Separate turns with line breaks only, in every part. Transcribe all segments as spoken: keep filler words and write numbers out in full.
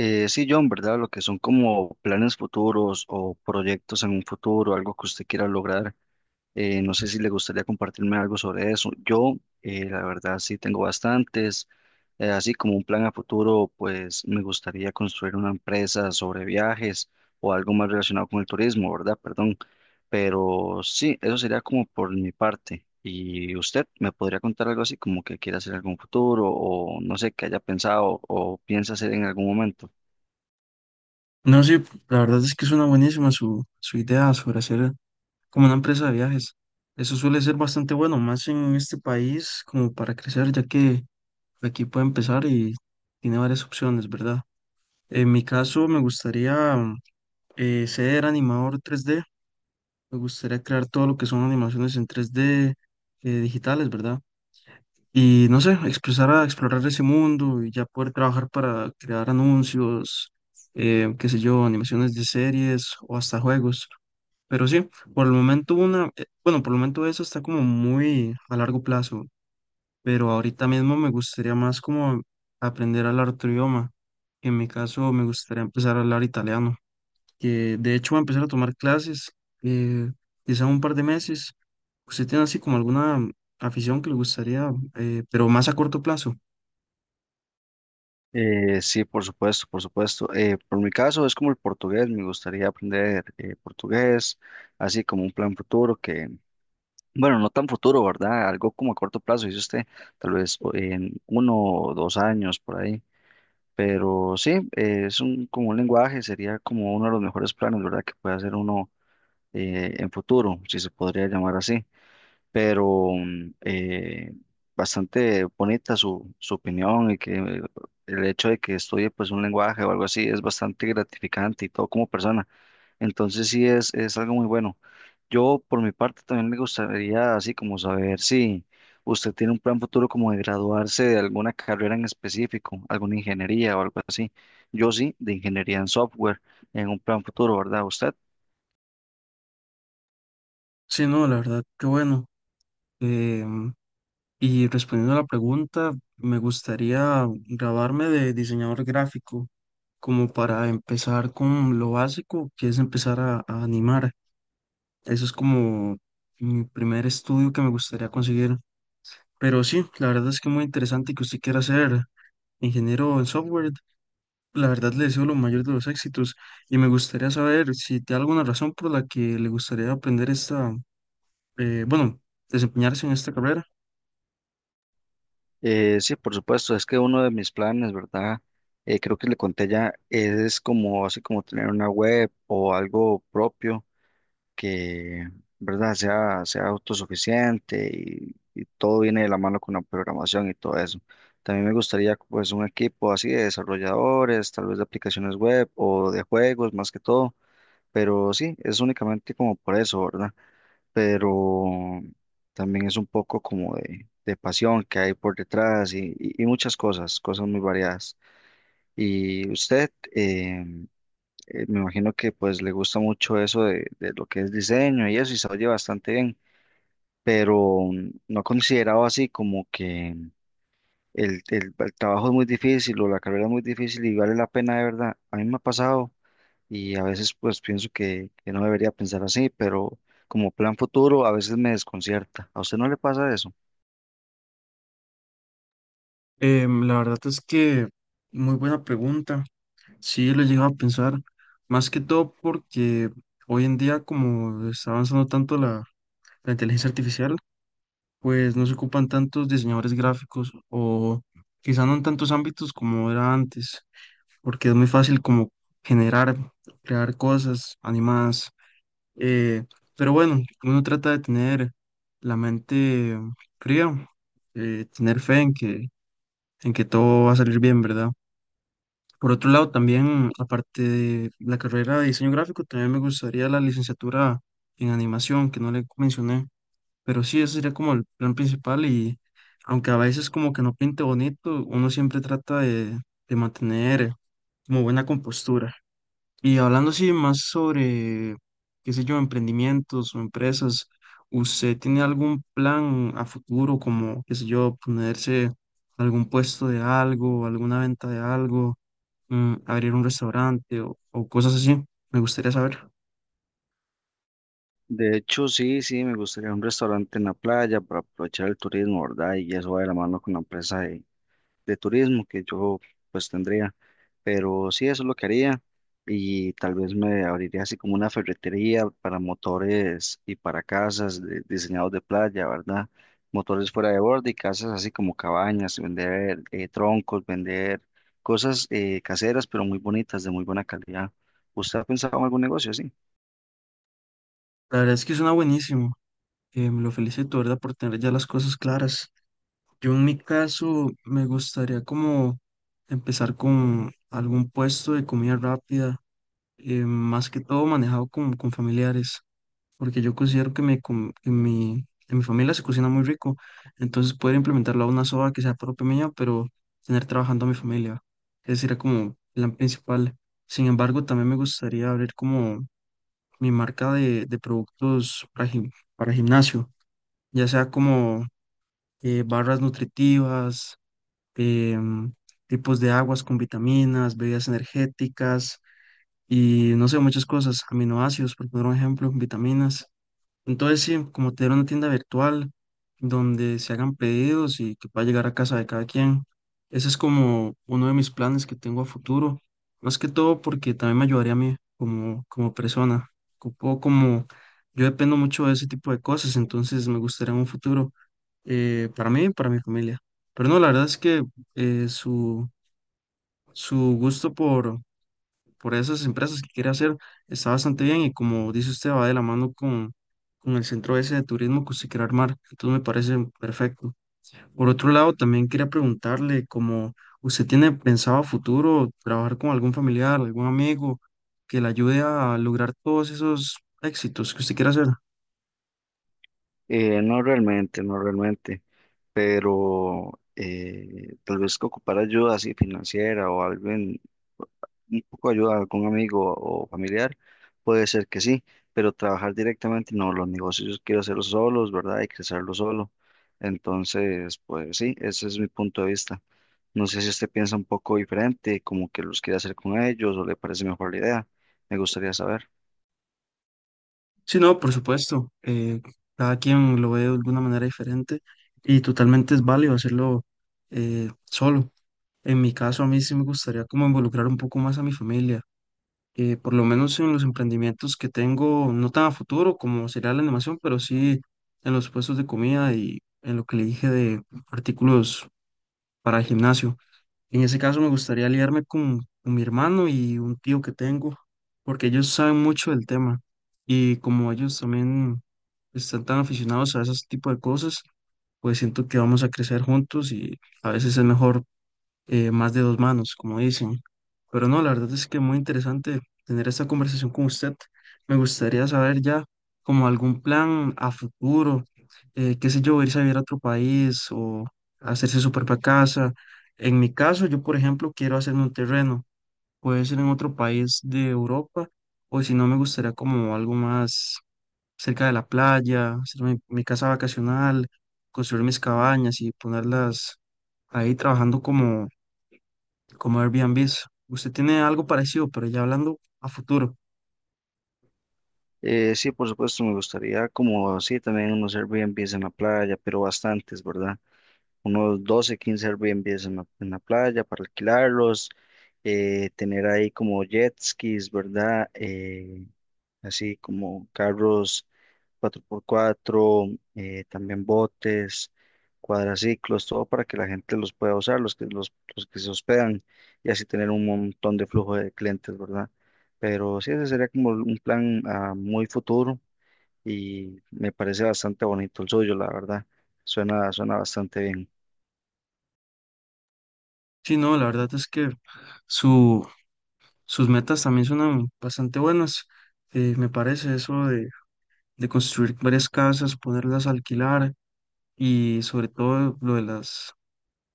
Eh, sí, John, ¿verdad? Lo que son como planes futuros o proyectos en un futuro, algo que usted quiera lograr. Eh, no sé si le gustaría compartirme algo sobre eso. Yo, eh, la verdad, sí tengo bastantes. Eh, así como un plan a futuro, pues me gustaría construir una empresa sobre viajes o algo más relacionado con el turismo, ¿verdad? Perdón. Pero sí, eso sería como por mi parte. ¿Y usted me podría contar algo así como que quiera hacer en algún futuro o no sé, que haya pensado o piensa hacer en algún momento?
No, sí, la verdad es que suena buenísima su, su idea sobre hacer como una empresa de viajes. Eso suele ser bastante bueno, más en este país como para crecer, ya que aquí puede empezar y tiene varias opciones, ¿verdad? En mi caso me gustaría mm, eh, ser animador tres d, me gustaría crear todo lo que son animaciones en tres d eh, digitales, ¿verdad? Y no sé, expresar a explorar ese mundo y ya poder trabajar para crear anuncios, eh, qué sé yo, animaciones de series o hasta juegos. Pero sí, por el momento una, eh, bueno, por el momento eso está como muy a largo plazo, pero ahorita mismo me gustaría más como aprender a hablar otro idioma. En mi caso me gustaría empezar a hablar italiano, que de hecho voy a empezar a tomar clases, eh, quizá un par de meses. ¿Usted tiene así como alguna afición que le gustaría, eh, pero más a corto plazo?
Eh, sí, por supuesto, por supuesto. Eh, por mi caso es como el portugués, me gustaría aprender eh, portugués, así como un plan futuro que, bueno, no tan futuro, ¿verdad? Algo como a corto plazo, dice usted, tal vez o- en uno o dos años por ahí. Pero sí, eh, es un, como un lenguaje, sería como uno de los mejores planes, ¿verdad? Que puede hacer uno eh, en futuro, si se podría llamar así, pero mm, eh, bastante bonita su, su opinión y que eh, el hecho de que estudie pues un lenguaje o algo así es bastante gratificante y todo como persona. Entonces sí es, es algo muy bueno. Yo por mi parte también me gustaría así como saber si usted tiene un plan futuro como de graduarse de alguna carrera en específico, alguna ingeniería o algo así. Yo sí, de ingeniería en software, en un plan futuro, ¿verdad? ¿Usted?
Sí, no, la verdad, qué bueno. em, Y respondiendo a la pregunta, me gustaría graduarme de diseñador gráfico, como para empezar con lo básico, que es empezar a, a animar. Eso es como mi primer estudio que me gustaría conseguir. Pero sí, la verdad es que muy interesante que usted quiera ser ingeniero en software. La verdad le deseo lo mayor de los éxitos y me gustaría saber si tiene alguna razón por la que le gustaría aprender esta, eh, bueno, desempeñarse en esta carrera.
Eh, sí, por supuesto, es que uno de mis planes, ¿verdad? Eh, creo que le conté ya, es como así como tener una web o algo propio que, ¿verdad? Sea, sea autosuficiente y, y todo viene de la mano con la programación y todo eso. También me gustaría pues un equipo así de desarrolladores, tal vez de aplicaciones web o de juegos más que todo, pero sí, es únicamente como por eso, ¿verdad? Pero también es un poco como de, de pasión que hay por detrás y, y- y muchas cosas, cosas muy variadas. Y usted, eh, eh, me imagino que pues le gusta mucho eso de, de lo que es diseño y eso, y se oye bastante bien, pero mm, no ha considerado así como que el, el- el trabajo es muy difícil o la carrera es muy difícil y vale la pena de verdad. A mí me ha pasado y a veces pues pienso que, que no debería pensar así, pero como plan futuro a veces me desconcierta. ¿A usted no le pasa eso?
Em, la verdad es que muy buena pregunta. Sí, lo he llegado a pensar, más que todo porque hoy en día, como está avanzando tanto la, la inteligencia artificial, pues no se ocupan tantos diseñadores gráficos o quizá no en tantos ámbitos como era antes, porque es muy fácil como generar, crear cosas animadas. eh, pero bueno, uno trata de tener la mente fría, eh, tener fe en que, en que todo va a salir bien, ¿verdad? Por otro lado, también, aparte de la carrera de diseño gráfico, también me gustaría la licenciatura en animación, que no le mencioné, pero sí, ese sería como el plan principal y aunque a veces como que no pinte bonito, uno siempre trata de, de mantener como buena compostura. Y hablando así más sobre, qué sé yo, emprendimientos o empresas, ¿usted tiene algún plan a futuro como, qué sé yo, ponerse algún puesto de algo, alguna venta de algo, mm, abrir un restaurante o, o cosas así? Me gustaría saber.
De hecho, sí, sí, me gustaría un restaurante en la playa para aprovechar el turismo, ¿verdad? Y eso va de la mano con la empresa de, de turismo que yo pues tendría. Pero sí, eso es lo que haría y tal vez me abriría así como una ferretería para motores y para casas de- diseñados de playa, ¿verdad? Motores fuera de borde y casas así como cabañas, vender eh, troncos, vender cosas eh, caseras pero muy bonitas, de muy buena calidad. ¿Usted ha pensado en algún negocio así?
La verdad es que suena buenísimo. Eh, me lo felicito, ¿verdad? Por tener ya las cosas claras. Yo en mi caso me gustaría como empezar con algún puesto de comida rápida, eh, más que todo manejado con, con familiares, porque yo considero que, mi com- que mi- en mi familia se cocina muy rico, entonces poder implementarlo a una soba que sea propia mía, pero tener trabajando a mi familia, ese sería como plan principal. Sin embargo, también me gustaría abrir como mi marca de, de productos para, gim- para gimnasio, ya sea como eh, barras nutritivas, em, tipos de aguas con vitaminas, bebidas energéticas y no sé, muchas cosas, aminoácidos, por poner un ejemplo, vitaminas. Entonces, sí, como tener una tienda virtual donde se hagan pedidos y que pueda llegar a casa de cada quien. Ese es como uno de mis planes que tengo a futuro, más que todo porque también me ayudaría a mí como, como persona. Ocupo como yo dependo mucho de ese tipo de cosas, entonces me gustaría un futuro eh, para mí y para mi familia. Pero no, la verdad es que eh, su, su gusto por por esas empresas que quiere hacer, está bastante bien y como dice usted, va de la mano con, con el centro ese de turismo que usted quiere armar, entonces me parece perfecto. Por otro lado, también quería preguntarle como usted tiene pensado a futuro trabajar con algún familiar, algún amigo que le ayude a lograr todos esos éxitos que usted quiere hacer.
Eh, no realmente, no realmente. Pero eh, tal vez que ocupar ayuda así financiera o alguien, un poco de ayuda a algún amigo o familiar, puede ser que sí, pero trabajar directamente no, los negocios quiero hacerlos solos, ¿verdad? Y crecerlos solo. Entonces, pues sí, ese es mi punto de vista. No sé si usted piensa un poco diferente, como que los quiere hacer con ellos o le parece mejor la idea. Me gustaría saber.
Sí, no, por supuesto, eh, cada quien lo ve de alguna manera diferente y totalmente es válido hacerlo eh, solo. En mi caso, a mí sí me gustaría como involucrar un poco más a mi familia, eh, por lo menos en los emprendimientos que tengo, no tan a futuro como sería la animación, pero sí en los puestos de comida y en lo que le dije de artículos para el gimnasio. En ese caso me gustaría aliarme con, con mi hermano y un tío que tengo, porque ellos saben mucho del tema y como ellos también están tan aficionados a ese tipo de cosas, pues siento que vamos a crecer juntos y a veces es mejor eh, más de dos manos, como dicen. Pero no, la verdad es que muy interesante tener esta conversación con usted. Me gustaría saber ya como algún plan a futuro, eh, qué sé yo, irse a vivir a otro país o hacerse su propia casa. En mi caso, yo por ejemplo quiero hacerme un terreno, puede ser en otro país de Europa o si no me gustaría como algo más cerca de la playa, hacer mi, mi casa vacacional, construir mis cabañas y ponerlas ahí trabajando como como Airbnb. Usted tiene algo parecido, pero ya hablando a futuro.
Eh, sí, por supuesto, me gustaría como sí, también unos Airbnbs en la playa, pero bastantes, ¿verdad? Unos doce quince Airbnbs en la, en la playa para alquilarlos, eh, tener ahí como jet skis, ¿verdad? Eh, así como carros cuatro por cuatro, eh, también botes, cuadraciclos, todo para que la gente los pueda usar, los que, los, los que se hospedan y así tener un montón de flujo de clientes, ¿verdad? Pero sí, ese sería como un plan a muy futuro y me parece bastante bonito el suyo, la verdad. Suena, suena bastante bien.
Sí, no, la verdad es que su, sus metas también son bastante buenas. Eh, me parece eso de, de construir varias casas, ponerlas a alquilar y sobre todo lo de las,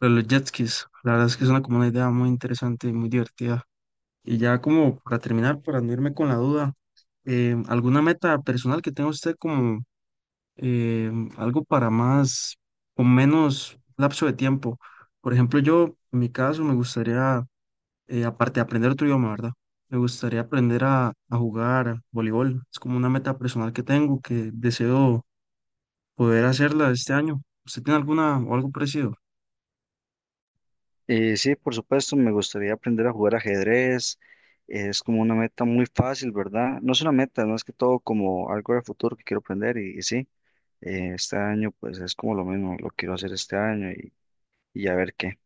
lo de los jet skis. La verdad es que es una como una idea muy interesante y muy divertida. Y ya como para terminar, para no irme con la duda, eh, ¿alguna meta personal que tenga usted como eh, algo para más, con menos lapso de tiempo? Por ejemplo, yo, en mi caso, me gustaría, eh, aparte de aprender otro idioma, ¿verdad? Me gustaría aprender a, a jugar voleibol. Es como una meta personal que tengo, que deseo poder hacerla este año. ¿Usted tiene alguna o algo parecido?
Eh, sí, por supuesto, me gustaría aprender a jugar ajedrez. Es como una meta muy fácil, ¿verdad? No es una meta, no es más que todo como algo de futuro que quiero aprender y, y sí, eh, este año pues es como lo mismo, lo quiero hacer este año y, y a ver qué.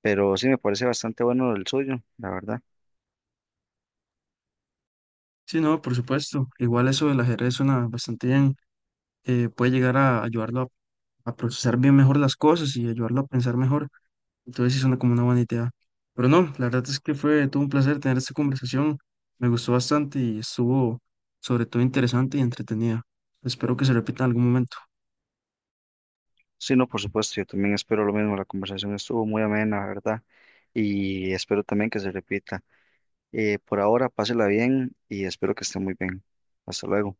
Pero sí, me parece bastante bueno el suyo, la verdad.
Sí, no, por supuesto. Igual eso del ajedrez suena bastante bien. Eh, puede llegar a ayudarlo a, a procesar bien mejor las cosas y ayudarlo a pensar mejor. Entonces sí suena como una buena idea. Pero no, la verdad es que fue todo un placer tener esta conversación. Me gustó bastante y estuvo sobre todo interesante y entretenida. Espero que se repita en algún momento.
Sí, no, por supuesto, yo también espero lo mismo. La conversación estuvo muy amena, la ¿verdad? Y espero también que se repita. Eh, por ahora, pásela bien y espero que esté muy bien. Hasta luego.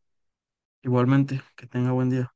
Igualmente, que tenga buen día.